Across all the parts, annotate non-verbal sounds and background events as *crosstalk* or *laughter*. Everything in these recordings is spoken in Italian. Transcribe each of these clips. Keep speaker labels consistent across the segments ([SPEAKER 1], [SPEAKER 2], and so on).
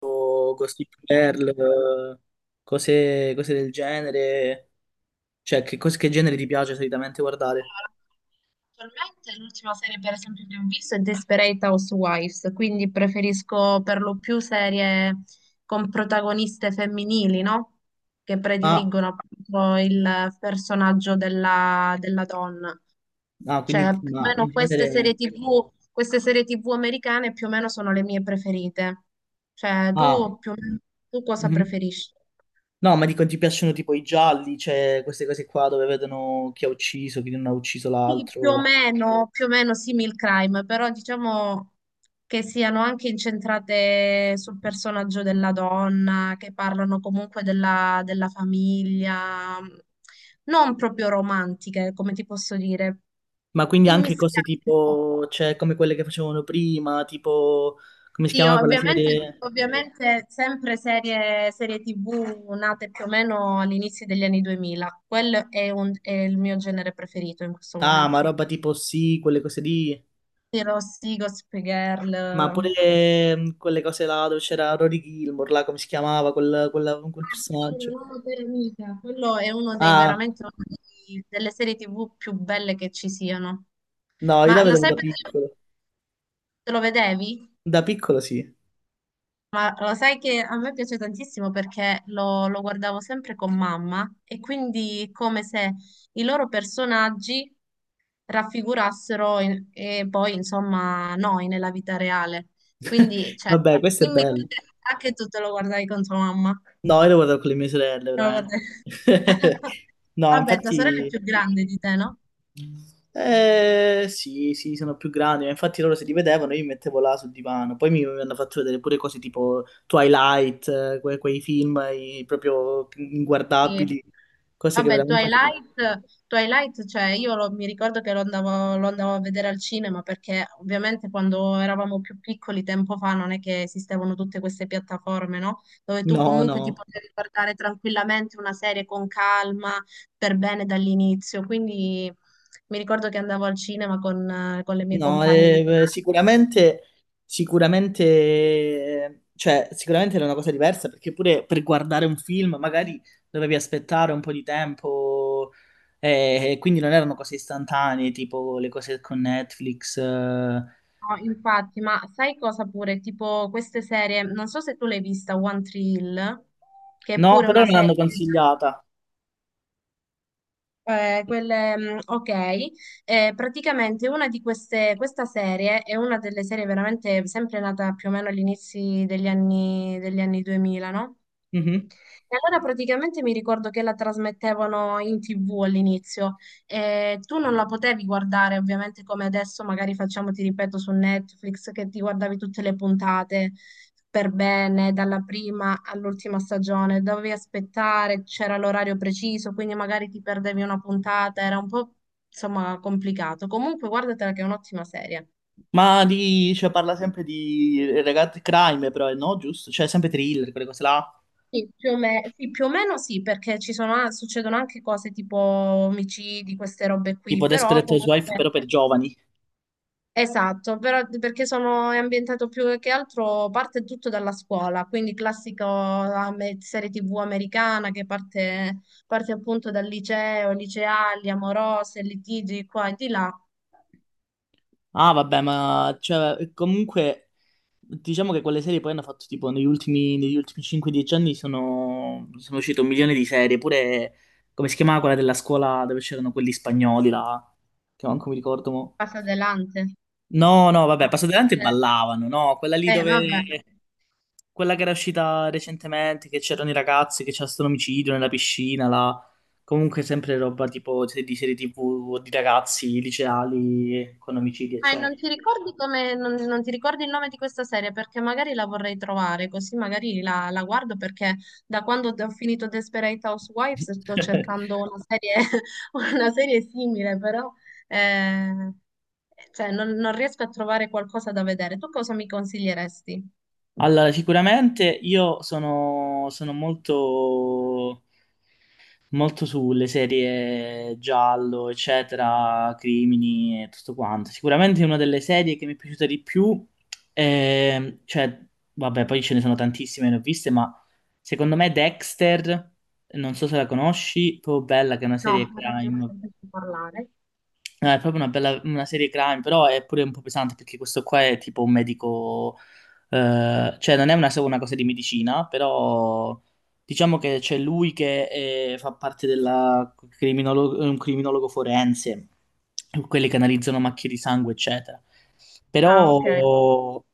[SPEAKER 1] O Gossip Girl, cose del genere. Cioè, che genere ti piace solitamente guardare?
[SPEAKER 2] Attualmente l'ultima serie per esempio che ho visto è Desperate Housewives, quindi preferisco per lo più serie con protagoniste femminili, no? Che
[SPEAKER 1] Ah,
[SPEAKER 2] prediligono appunto il personaggio della donna.
[SPEAKER 1] ah,
[SPEAKER 2] Cioè,
[SPEAKER 1] quindi
[SPEAKER 2] più o
[SPEAKER 1] ma
[SPEAKER 2] meno
[SPEAKER 1] in
[SPEAKER 2] queste serie
[SPEAKER 1] genere...
[SPEAKER 2] TV, queste serie TV americane più o meno sono le mie preferite. Cioè,
[SPEAKER 1] Ah,
[SPEAKER 2] tu più o meno, tu cosa
[SPEAKER 1] mhm.
[SPEAKER 2] preferisci?
[SPEAKER 1] No, ma dico, ti piacciono tipo i gialli, cioè queste cose qua dove vedono chi ha ucciso, chi non ha ucciso
[SPEAKER 2] Sì,
[SPEAKER 1] l'altro.
[SPEAKER 2] più o meno simil crime, però diciamo che siano anche incentrate sul personaggio della donna, che parlano comunque della famiglia, non proprio romantiche, come ti posso dire,
[SPEAKER 1] Ma quindi anche cose
[SPEAKER 2] immischiate. Un po'.
[SPEAKER 1] tipo, cioè, come quelle che facevano prima, tipo, come si
[SPEAKER 2] Sì,
[SPEAKER 1] chiama quella
[SPEAKER 2] ovviamente,
[SPEAKER 1] serie?
[SPEAKER 2] ovviamente sempre serie TV nate più o meno all'inizio degli anni 2000, quello è è il mio genere preferito in questo
[SPEAKER 1] Ah, ma
[SPEAKER 2] momento.
[SPEAKER 1] roba tipo sì, quelle cose lì.
[SPEAKER 2] Sì, Rossi, Gossip
[SPEAKER 1] Ma
[SPEAKER 2] Girl.
[SPEAKER 1] pure quelle cose là dove c'era Rory Gilmore, là come si chiamava quel
[SPEAKER 2] Una
[SPEAKER 1] personaggio.
[SPEAKER 2] nuova per amica. Quello è uno dei
[SPEAKER 1] Ah,
[SPEAKER 2] veramente uno dei- delle serie TV più belle che ci siano.
[SPEAKER 1] no, io la
[SPEAKER 2] Ma lo
[SPEAKER 1] vedevo
[SPEAKER 2] sai
[SPEAKER 1] da
[SPEAKER 2] perché
[SPEAKER 1] piccolo.
[SPEAKER 2] te lo vedevi?
[SPEAKER 1] Da piccolo sì.
[SPEAKER 2] Ma lo sai che a me piace tantissimo perché lo guardavo sempre con mamma e quindi è come se i loro personaggi e poi insomma noi nella vita reale. Quindi,
[SPEAKER 1] *laughs*
[SPEAKER 2] cioè,
[SPEAKER 1] Vabbè, questo è
[SPEAKER 2] dimmi tu
[SPEAKER 1] bello.
[SPEAKER 2] che anche tu te lo guardavi con tua mamma.
[SPEAKER 1] No, io lo guardavo con le mie sorelle,
[SPEAKER 2] Te lo guardavi-
[SPEAKER 1] veramente.
[SPEAKER 2] *laughs*
[SPEAKER 1] *laughs* No,
[SPEAKER 2] Vabbè, tua sorella è
[SPEAKER 1] infatti...
[SPEAKER 2] più grande di te, no?
[SPEAKER 1] Sì, sì, sono più grandi, ma infatti loro se li vedevano io mi mettevo là sul divano. Poi mi hanno fatto vedere pure cose tipo Twilight, quei film proprio
[SPEAKER 2] Sì.
[SPEAKER 1] inguardabili, cose che
[SPEAKER 2] Vabbè,
[SPEAKER 1] veramente...
[SPEAKER 2] Twilight, Twilight, cioè io mi ricordo che lo andavo a vedere al cinema perché ovviamente quando eravamo più piccoli tempo fa non è che esistevano tutte queste piattaforme, no? Dove tu
[SPEAKER 1] No,
[SPEAKER 2] comunque ti
[SPEAKER 1] no,
[SPEAKER 2] potevi guardare tranquillamente una serie con calma, per bene dall'inizio. Quindi mi ricordo che andavo al cinema con le mie
[SPEAKER 1] no,
[SPEAKER 2] compagne di classe.
[SPEAKER 1] sicuramente, sicuramente, cioè, sicuramente era una cosa diversa perché pure per guardare un film magari dovevi aspettare un po' di tempo e quindi non erano cose istantanee tipo le cose con Netflix.
[SPEAKER 2] No, infatti, ma sai cosa pure? Tipo queste serie, non so se tu l'hai vista, One Tree Hill, che è
[SPEAKER 1] No,
[SPEAKER 2] pure una
[SPEAKER 1] però me
[SPEAKER 2] serie.
[SPEAKER 1] l'hanno consigliata.
[SPEAKER 2] Quelle, ok, eh, praticamente una di queste, questa serie è una delle serie veramente sempre nata più o meno all'inizio degli anni 2000, no?
[SPEAKER 1] Mhm.
[SPEAKER 2] E allora praticamente mi ricordo che la trasmettevano in TV all'inizio e tu non la potevi guardare ovviamente come adesso magari facciamo, ti ripeto, su Netflix che ti guardavi tutte le puntate per bene, dalla prima all'ultima stagione, dovevi aspettare, c'era l'orario preciso, quindi magari ti perdevi una puntata, era un po' insomma complicato. Comunque guardatela che è un'ottima serie.
[SPEAKER 1] Ma cioè, parla sempre di ragazzi, crime però, no, giusto? Cioè, sempre thriller, quelle cose là.
[SPEAKER 2] Sì, più o meno sì, perché ci sono, succedono anche cose tipo omicidi, queste robe qui,
[SPEAKER 1] Tipo
[SPEAKER 2] però
[SPEAKER 1] Desperate Housewife,
[SPEAKER 2] comunque,
[SPEAKER 1] però per giovani.
[SPEAKER 2] esatto, però, perché sono, è ambientato più che altro, parte tutto dalla scuola, quindi classico serie TV americana che parte appunto dal liceo, liceali, amorose, litigi qua e di là,
[SPEAKER 1] Ah, vabbè, ma cioè, comunque diciamo che quelle serie poi hanno fatto tipo negli ultimi 5-10 anni sono uscite un milione di serie, pure come si chiamava quella della scuola dove c'erano quelli spagnoli là, che manco mi ricordo. Mo.
[SPEAKER 2] passa adelante.
[SPEAKER 1] No, no, vabbè,
[SPEAKER 2] No,
[SPEAKER 1] passo davanti e
[SPEAKER 2] quelle-
[SPEAKER 1] ballavano, no, quella lì
[SPEAKER 2] no,
[SPEAKER 1] dove...
[SPEAKER 2] vabbè.
[SPEAKER 1] quella che era uscita recentemente, che c'erano i ragazzi, che c'era stato l'omicidio nella piscina là, comunque sempre roba tipo di serie TV, di ragazzi liceali con omicidi, eccetera.
[SPEAKER 2] Non ti ricordi come, non ti ricordi il nome di questa serie perché magari la vorrei trovare, così magari la guardo perché da quando ho finito Desperate Housewives sto cercando
[SPEAKER 1] *laughs*
[SPEAKER 2] una serie, *laughs* una serie simile, però eh, cioè, non riesco a trovare qualcosa da vedere. Tu cosa mi consiglieresti?
[SPEAKER 1] Allora, sicuramente io sono molto, molto sulle serie giallo, eccetera, crimini e tutto quanto. Sicuramente una delle serie che mi è piaciuta di più, cioè, vabbè, poi ce ne sono tantissime, ne ho viste, ma secondo me Dexter, non so se la conosci, proprio bella, che è una
[SPEAKER 2] No,
[SPEAKER 1] serie
[SPEAKER 2] però non ho
[SPEAKER 1] crime.
[SPEAKER 2] sentito parlare.
[SPEAKER 1] No, è proprio una bella una serie crime, però è pure un po' pesante perché questo qua è tipo un medico, cioè non è solo una cosa di medicina, però diciamo che c'è lui che fa parte della criminologo, è un criminologo forense, quelli che analizzano macchie di sangue, eccetera.
[SPEAKER 2] Ah,
[SPEAKER 1] Però
[SPEAKER 2] ok.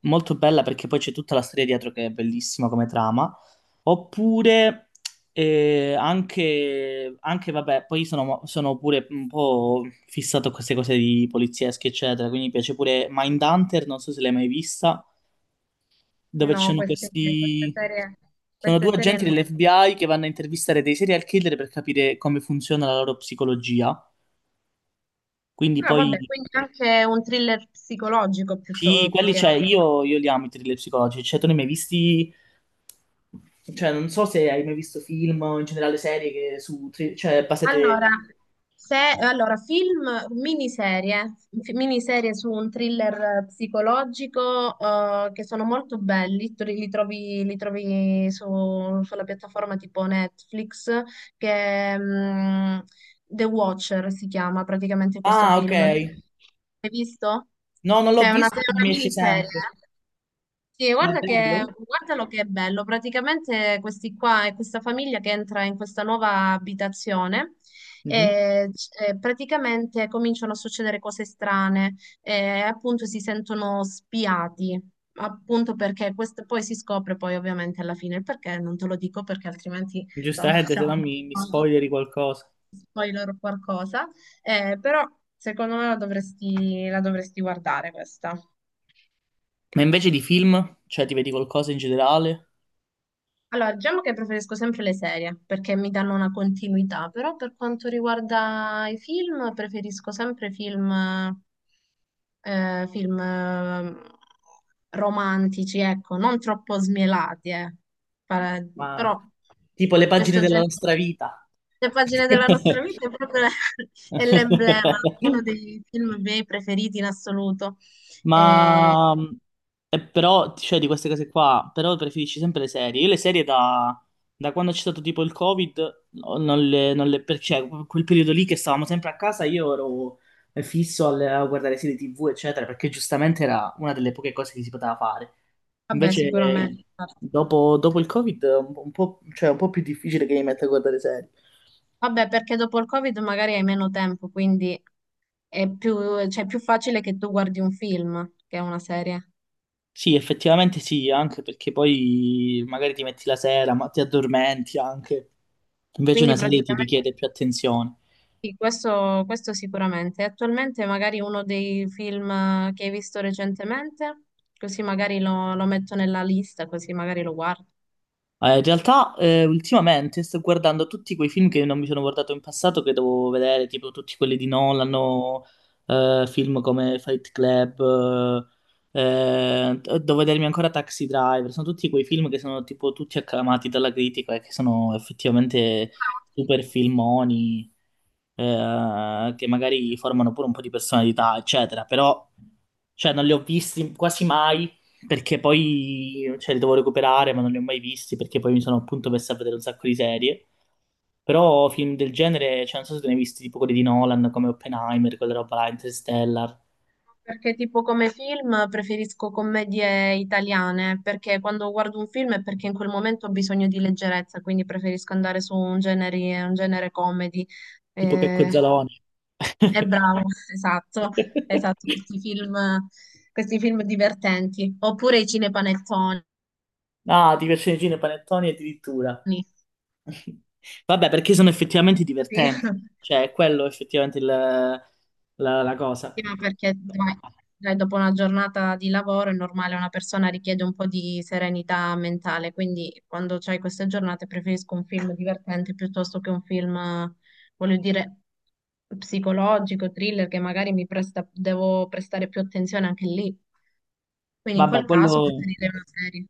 [SPEAKER 1] molto bella perché poi c'è tutta la storia dietro che è bellissima come trama. Oppure anche, vabbè, poi sono pure un po' fissato a queste cose di poliziesche, eccetera, quindi mi piace pure Mindhunter, non so se l'hai mai vista, dove ci
[SPEAKER 2] No,
[SPEAKER 1] sono
[SPEAKER 2] queste
[SPEAKER 1] questi...
[SPEAKER 2] serie,
[SPEAKER 1] Sono
[SPEAKER 2] queste
[SPEAKER 1] due
[SPEAKER 2] serie
[SPEAKER 1] agenti
[SPEAKER 2] no.
[SPEAKER 1] dell'FBI che vanno a intervistare dei serial killer per capire come funziona la loro psicologia, quindi
[SPEAKER 2] Ah, vabbè,
[SPEAKER 1] poi
[SPEAKER 2] quindi anche un thriller psicologico più,
[SPEAKER 1] sì,
[SPEAKER 2] più
[SPEAKER 1] quelli
[SPEAKER 2] che
[SPEAKER 1] c'è,
[SPEAKER 2] altro.
[SPEAKER 1] io li amo i thriller psicologici, cioè tu ne hai mai visti, cioè non so se hai mai visto film o in generale serie che su, cioè
[SPEAKER 2] Allora,
[SPEAKER 1] basate...
[SPEAKER 2] se, allora, film, miniserie, miniserie su un thriller psicologico che sono molto belli, tu li trovi, li trovi sulla piattaforma tipo Netflix, che mm, The Watcher si chiama praticamente questo
[SPEAKER 1] Ah, ok,
[SPEAKER 2] film. Hai visto?
[SPEAKER 1] no, non l'ho
[SPEAKER 2] Cioè, è
[SPEAKER 1] visto, ma mi
[SPEAKER 2] una
[SPEAKER 1] esce
[SPEAKER 2] miniserie.
[SPEAKER 1] sempre,
[SPEAKER 2] Sì,
[SPEAKER 1] ma è
[SPEAKER 2] guarda che,
[SPEAKER 1] bello?
[SPEAKER 2] guardalo che è bello. Praticamente questi qua è questa famiglia che entra in questa nuova abitazione
[SPEAKER 1] Mhm.
[SPEAKER 2] e praticamente cominciano a succedere cose strane e appunto si sentono spiati, appunto perché questo poi si scopre poi ovviamente alla fine il perché, non te lo dico perché altrimenti insomma, *laughs*
[SPEAKER 1] Giustamente, se
[SPEAKER 2] facciamo
[SPEAKER 1] no mi spoileri qualcosa.
[SPEAKER 2] spoiler o *laughs* qualcosa, eh, però secondo me la dovresti guardare questa.
[SPEAKER 1] Ma invece di film, cioè ti vedi qualcosa in generale?
[SPEAKER 2] Allora, diciamo che preferisco sempre le serie perché mi danno una continuità, però per quanto riguarda i film, preferisco sempre film, film romantici, ecco, non troppo smielati, eh. Pa-
[SPEAKER 1] Ma
[SPEAKER 2] Però
[SPEAKER 1] tipo le pagine
[SPEAKER 2] questo
[SPEAKER 1] della
[SPEAKER 2] genere,
[SPEAKER 1] nostra vita.
[SPEAKER 2] le pagine della nostra vita è proprio *laughs* è l'emblema, uno
[SPEAKER 1] *laughs*
[SPEAKER 2] dei film miei preferiti in assoluto. Eh,
[SPEAKER 1] Ma però, cioè, di queste cose qua, però preferisci sempre le serie. Io le serie da, da quando c'è stato tipo il Covid, non le, non le, per- cioè, quel periodo lì che stavamo sempre a casa, io ero fisso a guardare serie TV, eccetera, perché giustamente era una delle poche cose che si poteva fare.
[SPEAKER 2] vabbè,
[SPEAKER 1] Invece,
[SPEAKER 2] sicuramente.
[SPEAKER 1] dopo, dopo il Covid, è un po' cioè, è un po' più difficile che mi metta a guardare serie.
[SPEAKER 2] Vabbè, perché dopo il Covid magari hai meno tempo, quindi è più, cioè, è più facile che tu guardi un film che una serie.
[SPEAKER 1] Sì, effettivamente sì, anche perché poi magari ti metti la sera, ma ti addormenti anche. Invece
[SPEAKER 2] Quindi
[SPEAKER 1] una serie ti
[SPEAKER 2] praticamente
[SPEAKER 1] richiede più attenzione.
[SPEAKER 2] sì, questo sicuramente. Attualmente magari uno dei film che hai visto recentemente, così magari lo metto nella lista, così magari lo guardo.
[SPEAKER 1] In realtà, ultimamente sto guardando tutti quei film che non mi sono guardato in passato, che dovevo vedere, tipo tutti quelli di Nolan, o, film come Fight Club, devo vedermi ancora Taxi Driver. Sono tutti quei film che sono tipo tutti acclamati dalla critica e che sono effettivamente
[SPEAKER 2] Ah, ok,
[SPEAKER 1] super filmoni.
[SPEAKER 2] quindi-
[SPEAKER 1] Che magari formano pure un po' di personalità, eccetera, però cioè, non li ho visti quasi mai perché poi cioè, li devo recuperare, ma non li ho mai visti perché poi mi sono appunto messo a vedere un sacco di serie. Però film del genere, cioè, non so se te ne hai visti tipo quelli di Nolan come Oppenheimer, quella roba là, Interstellar,
[SPEAKER 2] perché tipo come film preferisco commedie italiane, perché quando guardo un film è perché in quel momento ho bisogno di leggerezza, quindi preferisco andare su un genere comedy.
[SPEAKER 1] tipo Checco e
[SPEAKER 2] Eh,
[SPEAKER 1] Zalone.
[SPEAKER 2] è bravo, *laughs* esatto, esatto,
[SPEAKER 1] *laughs*
[SPEAKER 2] questi film divertenti. Oppure i cinepanettoni.
[SPEAKER 1] Ah, ti piacciono i cine panettoni addirittura.
[SPEAKER 2] Sì.
[SPEAKER 1] Vabbè, perché sono effettivamente divertenti.
[SPEAKER 2] *laughs*
[SPEAKER 1] Cioè, è quello effettivamente la cosa.
[SPEAKER 2] prima perché dai, dai, dopo una giornata di lavoro è normale, una persona richiede un po' di serenità mentale, quindi quando c'hai queste giornate preferisco un film divertente piuttosto che un film, voglio dire, psicologico, thriller, che magari mi presta, devo prestare più attenzione anche lì. Quindi in
[SPEAKER 1] Vabbè,
[SPEAKER 2] quel caso
[SPEAKER 1] quello...
[SPEAKER 2] preferirei una serie.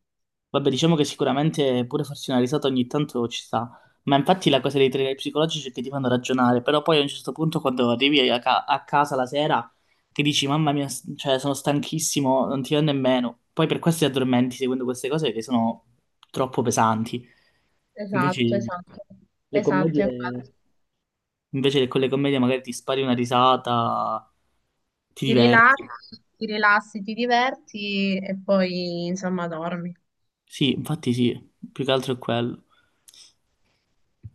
[SPEAKER 1] Vabbè, diciamo che sicuramente pure farsi una risata ogni tanto ci sta. Ma infatti la cosa dei thriller psicologici è che ti fanno ragionare. Però poi a un certo punto, quando arrivi a casa la sera, ti dici, mamma mia, cioè, sono stanchissimo, non ti va nemmeno. Poi per questo ti addormenti seguendo queste cose che sono troppo pesanti. Invece
[SPEAKER 2] Esatto, esatto,
[SPEAKER 1] le
[SPEAKER 2] esatto,
[SPEAKER 1] commedie...
[SPEAKER 2] infatti.
[SPEAKER 1] Invece che con le commedie magari ti spari una risata, ti
[SPEAKER 2] Ti
[SPEAKER 1] diverti.
[SPEAKER 2] rilassi, ti rilassi, ti diverti e poi insomma dormi.
[SPEAKER 1] Sì, infatti sì, più che altro è quello.